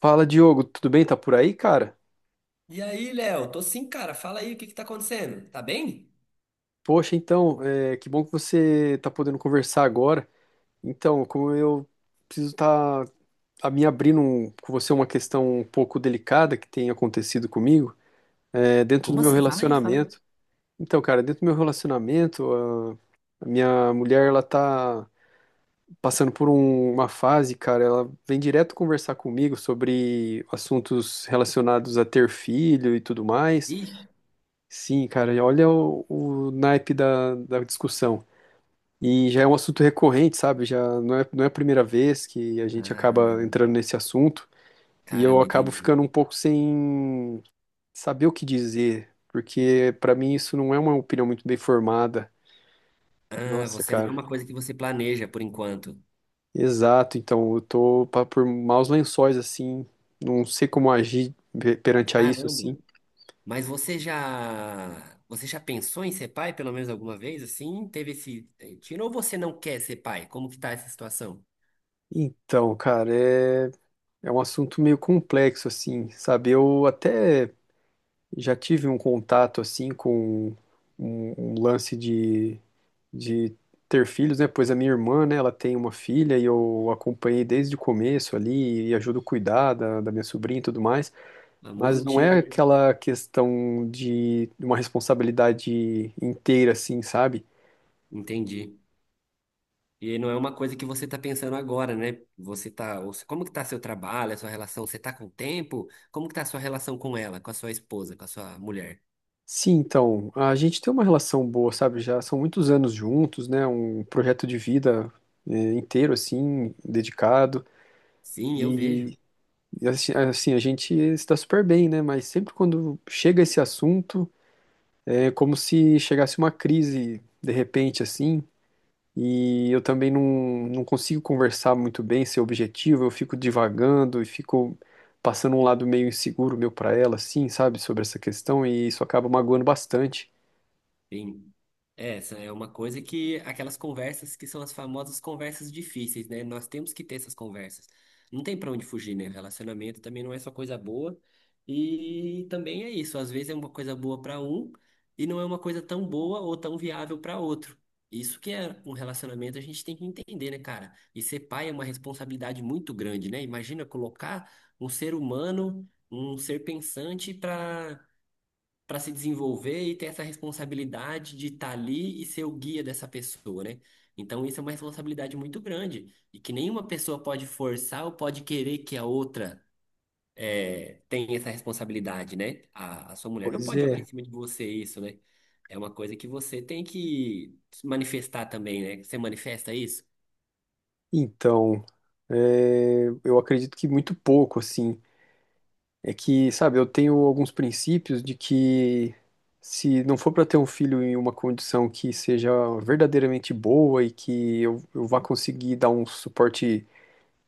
Fala, Diogo, tudo bem? Tá por aí, cara? E aí, Léo? Tô sim, cara. Fala aí, o que que tá acontecendo? Tá bem? Poxa, então, que bom que você tá podendo conversar agora. Então, como eu preciso estar tá, a me abrindo com você uma questão um pouco delicada que tem acontecido comigo, dentro do Como meu assim? Fala aí, fala aí. relacionamento. Então, cara, dentro do meu relacionamento, a minha mulher, ela tá passando por uma fase, cara, ela vem direto conversar comigo sobre assuntos relacionados a ter filho e tudo mais. Ixi. Sim, cara, e olha o naipe da discussão. E já é um assunto recorrente, sabe? Já não é a primeira vez que a gente acaba Ah, entrando nesse assunto. E eu caramba, acabo entendi. ficando um pouco sem saber o que dizer, porque pra mim isso não é uma opinião muito bem formada. Ah, Nossa, você não é cara. uma coisa que você planeja por enquanto. Exato, então eu tô por maus lençóis, assim. Não sei como agir perante a isso, Caramba. assim. Mas você já pensou em ser pai pelo menos alguma vez? Assim, teve esse tiro ou você não quer ser pai? Como que tá essa situação? Então, cara, é um assunto meio complexo, assim, sabe? Eu até. Já tive um contato assim com um lance de ter filhos, né? Pois a minha irmã, né, ela tem uma filha e eu acompanhei desde o começo ali e ajudo a cuidar da minha sobrinha e tudo mais. Famoso Mas não tio, é né? aquela questão de uma responsabilidade inteira assim, sabe? Entendi. E aí não é uma coisa que você está pensando agora, né? Você tá, ou como que tá seu trabalho, a sua relação? Você tá com tempo? Como que tá a sua relação com ela, com a sua esposa, com a sua mulher? Sim, então, a gente tem uma relação boa, sabe? Já são muitos anos juntos, né? Um projeto de vida inteiro assim, dedicado. Sim, eu vejo. e E assim, a gente está super bem, né? Mas sempre quando chega esse assunto, é como se chegasse uma crise de repente, assim. E eu também não consigo conversar muito bem, ser objetivo. Eu fico divagando e fico passando um lado meio inseguro meu para ela, assim, sabe? Sobre essa questão. E isso acaba magoando bastante. Sim. É, essa é uma coisa que aquelas conversas que são as famosas conversas difíceis, né? Nós temos que ter essas conversas. Não tem pra onde fugir, né? Relacionamento também não é só coisa boa. E também é isso, às vezes é uma coisa boa pra um e não é uma coisa tão boa ou tão viável pra outro. Isso que é um relacionamento, a gente tem que entender, né, cara? E ser pai é uma responsabilidade muito grande, né? Imagina colocar um ser humano, um ser pensante para se desenvolver e ter essa responsabilidade de estar ali e ser o guia dessa pessoa, né? Então isso é uma responsabilidade muito grande e que nenhuma pessoa pode forçar ou pode querer que a outra tenha essa responsabilidade, né? A sua mulher não Pois pode jogar em é. cima de você isso, né? É uma coisa que você tem que manifestar também, né? Você manifesta isso? Então, eu acredito que muito pouco, assim. É que, sabe, eu tenho alguns princípios de que se não for para ter um filho em uma condição que seja verdadeiramente boa e que eu vá conseguir dar um suporte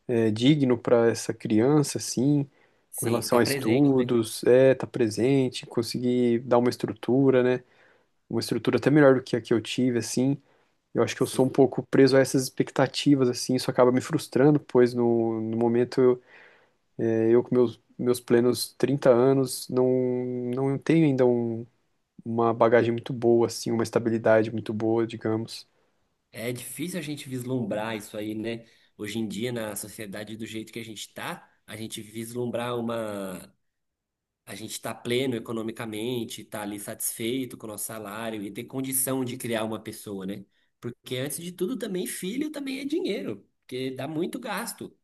digno para essa criança, assim, com Sim, relação estar a presente, né? estudos, tá presente, conseguir dar uma estrutura, né? Uma estrutura até melhor do que a que eu tive, assim. Eu acho que eu sou um Sim. pouco preso a essas expectativas, assim, isso acaba me frustrando, pois no momento eu com meus plenos 30 anos não tenho ainda uma bagagem muito boa, assim, uma estabilidade muito boa, digamos. É difícil a gente vislumbrar isso aí, né? Hoje em dia, na sociedade do jeito que a gente tá, a gente vislumbrar uma a gente está pleno economicamente, está ali satisfeito com o nosso salário e ter condição de criar uma pessoa, né? Porque antes de tudo também filho também é dinheiro, porque dá muito gasto.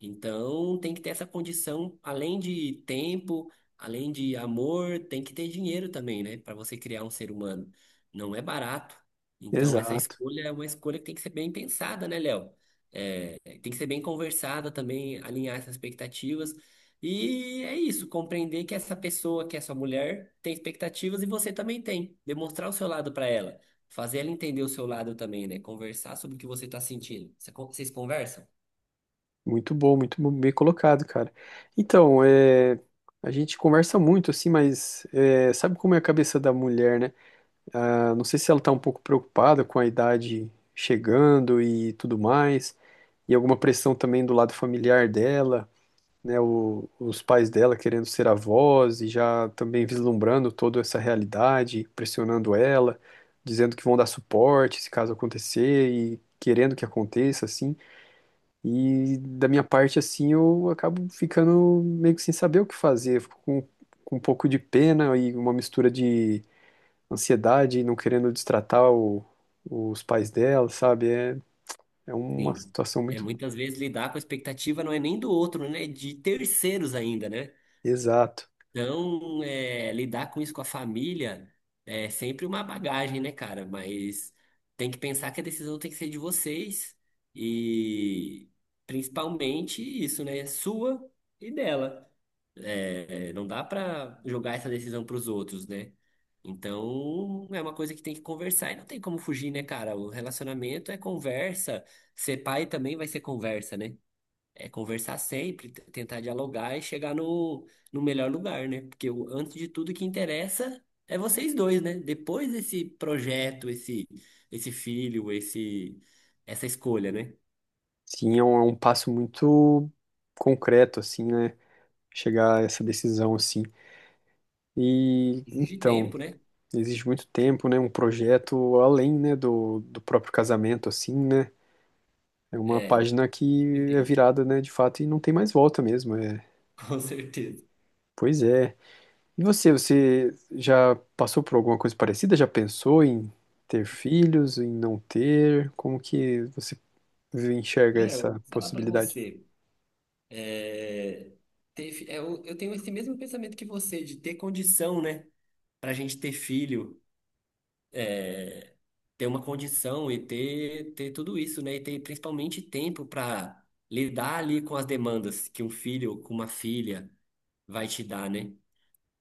Então tem que ter essa condição, além de tempo, além de amor, tem que ter dinheiro também, né? Para você criar um ser humano. Não é barato. Então essa Exato. escolha é uma escolha que tem que ser bem pensada, né, Léo? É, tem que ser bem conversada também, alinhar essas expectativas e é isso, compreender que essa pessoa, que é sua mulher, tem expectativas e você também tem. Demonstrar o seu lado para ela, fazer ela entender o seu lado também, né? Conversar sobre o que você está sentindo. Vocês conversam? Muito bom, bem colocado, cara. Então, a gente conversa muito, assim, mas é, sabe como é a cabeça da mulher, né? Ah, não sei se ela tá um pouco preocupada com a idade chegando e tudo mais, e alguma pressão também do lado familiar dela. Né, os pais dela querendo ser avós e já também vislumbrando toda essa realidade, pressionando ela, dizendo que vão dar suporte se caso acontecer e querendo que aconteça, assim. E da minha parte, assim, eu acabo ficando meio que sem saber o que fazer, fico com, um pouco de pena e uma mistura de ansiedade, não querendo destratar os pais dela, sabe? É, uma Sim. situação É, muito muitas vezes lidar com a expectativa não é nem do outro, né? É de terceiros ainda, né? exata. Então, é, lidar com isso com a família é sempre uma bagagem, né, cara? Mas tem que pensar que a decisão tem que ser de vocês e principalmente isso, né? Sua e dela. É, não dá pra jogar essa decisão pros outros, né? Então, é uma coisa que tem que conversar e não tem como fugir, né, cara? O relacionamento é conversa. Ser pai também vai ser conversa, né? É conversar sempre, tentar dialogar e chegar no melhor lugar, né? Porque antes de tudo, o que interessa é vocês dois, né? Depois desse projeto, esse filho, essa escolha, né? Sim, é um passo muito concreto, assim, né? Chegar a essa decisão, assim. E, Exige então, tempo, né? exige muito tempo, né? Um projeto além, né, do próprio casamento, assim, né? É uma É, com página que é certeza. virada, né, de fato, e não tem mais volta mesmo. É. Com certeza. Pois é. E você, você já passou por alguma coisa parecida? Já pensou em ter filhos, em não ter? Como que você enxerga Léo, eu essa vou falar pra possibilidade? você. é, eu tenho esse mesmo pensamento que você, de ter condição, né? Pra gente ter filho. Ter uma condição e ter tudo isso, né? E ter principalmente tempo para lidar ali com as demandas que um filho ou com uma filha vai te dar, né?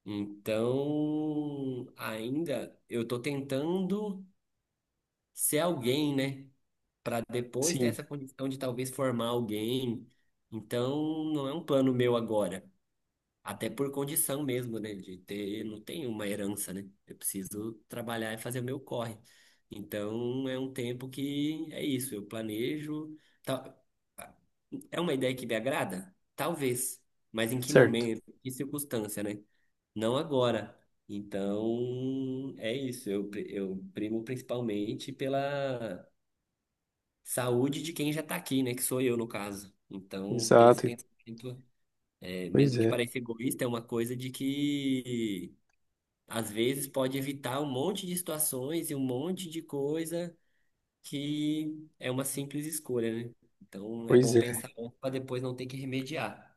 Então, ainda eu tô tentando ser alguém, né? Para depois ter Sim, essa condição de talvez formar alguém. Então, não é um plano meu agora. Até por condição mesmo, né? De ter, não tem uma herança, né? Eu preciso trabalhar e fazer o meu corre. Então é um tempo que é isso, eu planejo. tal- É uma ideia que me agrada? Talvez. Mas em que certo. momento, em que circunstância, né? Não agora. Então é isso, eu primo principalmente pela saúde de quem já tá aqui, né? Que sou eu, no caso. Então, ter esse Exato. pensamento. É, Pois mesmo que é. pareça egoísta, é uma coisa de que às vezes pode evitar um monte de situações e um monte de coisa que é uma simples escolha, né? Então é Pois bom é, pensar para depois não ter que remediar.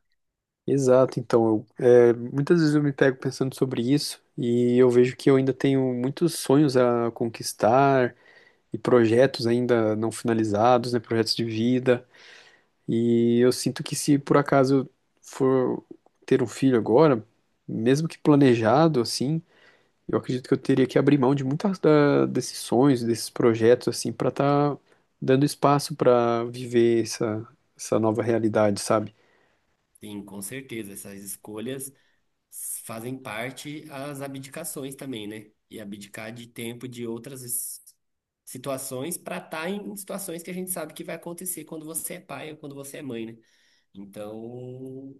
exato. Então, eu, muitas vezes eu me pego pensando sobre isso e eu vejo que eu ainda tenho muitos sonhos a conquistar e projetos ainda não finalizados, né, projetos de vida. E eu sinto que se por acaso eu for ter um filho agora, mesmo que planejado assim, eu acredito que eu teria que abrir mão de muitas desses sonhos, desses projetos assim, para estar dando espaço para viver essa nova realidade, sabe? Sim, com certeza. Essas escolhas fazem parte as abdicações também, né? E abdicar de tempo de outras situações para estar em situações que a gente sabe que vai acontecer quando você é pai ou quando você é mãe, né? Então,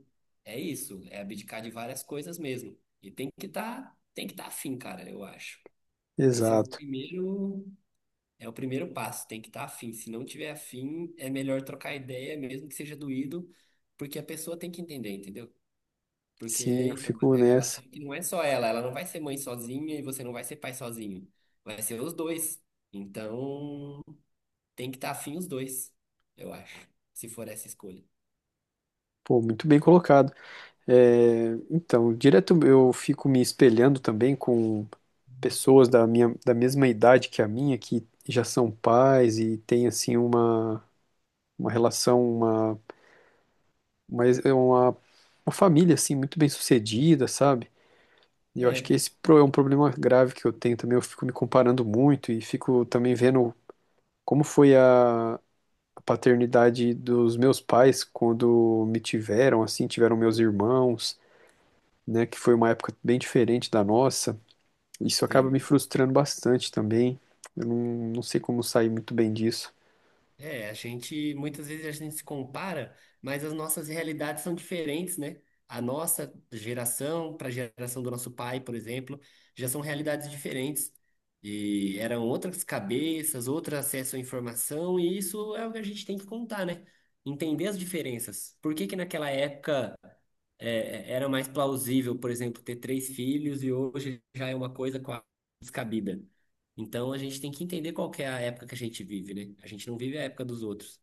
é isso, é abdicar de várias coisas mesmo. E tem que estar afim, cara, eu acho. Esse é Exato. É o primeiro passo, tem que estar afim. Se não tiver afim, é melhor trocar ideia, mesmo que seja doído, porque a pessoa tem que entender, entendeu? Porque Sim, eu fico é uma nessa. relação que não é só ela, ela não vai ser mãe sozinha e você não vai ser pai sozinho. Vai ser os dois. Então, tem que estar afim os dois, eu acho, se for essa escolha. Pô, muito bem colocado. É, então, direto eu fico me espelhando também com pessoas da mesma idade que a minha, que já são pais e têm, assim, uma relação, uma, é uma, uma família, assim, muito bem sucedida, sabe? E eu acho que É, esse é um problema grave que eu tenho também. Eu fico me comparando muito e fico também vendo como foi a paternidade dos meus pais quando me tiveram, assim, tiveram meus irmãos, né, que foi uma época bem diferente da nossa. Isso acaba me sim. frustrando bastante também. Eu não sei como sair muito bem disso. É, muitas vezes a gente se compara, mas as nossas realidades são diferentes, né? A nossa geração para a geração do nosso pai, por exemplo, já são realidades diferentes. E eram outras cabeças, outro acesso à informação, e isso é o que a gente tem que contar, né? Entender as diferenças. Por que que naquela época era mais plausível, por exemplo, ter três filhos e hoje já é uma coisa quase descabida. Então a gente tem que entender qual que é a época que a gente vive, né? A gente não vive a época dos outros.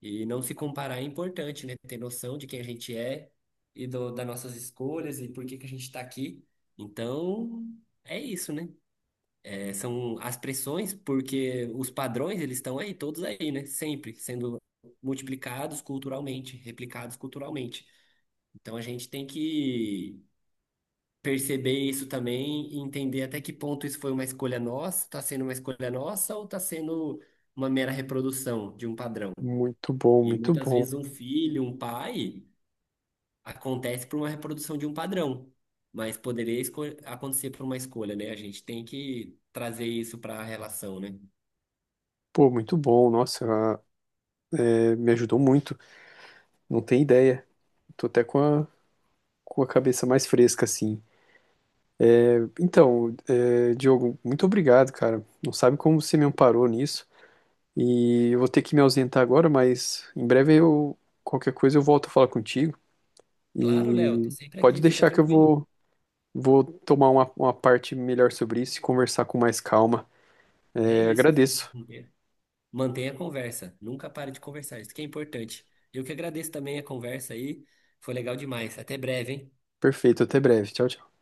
E não se comparar é importante, né? Ter noção de quem a gente é e das nossas escolhas e por que que a gente está aqui. Então é isso, né? É, são as pressões, porque os padrões eles estão aí, todos aí, né? Sempre sendo multiplicados culturalmente, replicados culturalmente. Então a gente tem que perceber isso também e entender até que ponto isso foi uma escolha nossa, está sendo uma escolha nossa ou está sendo uma mera reprodução de um padrão. Muito bom, E muito muitas bom. vezes um filho, um pai, acontece por uma reprodução de um padrão, mas poderia acontecer por uma escolha, né? A gente tem que trazer isso para a relação, né? Pô, muito bom. Nossa, é, me ajudou muito. Não tem ideia. Tô até com a, cabeça mais fresca, assim. Então, é, Diogo, muito obrigado, cara. Não sabe como você me amparou nisso. E eu vou ter que me ausentar agora, mas em breve eu, qualquer coisa eu volto a falar contigo. Claro, Léo, tô E sempre pode aqui, fica deixar que eu tranquilo. vou tomar uma parte melhor sobre isso e conversar com mais calma. É É, isso, agradeço. mantenha a conversa, nunca pare de conversar, isso que é importante. Eu que agradeço também a conversa aí, foi legal demais. Até breve, hein? Perfeito, até breve. Tchau, tchau.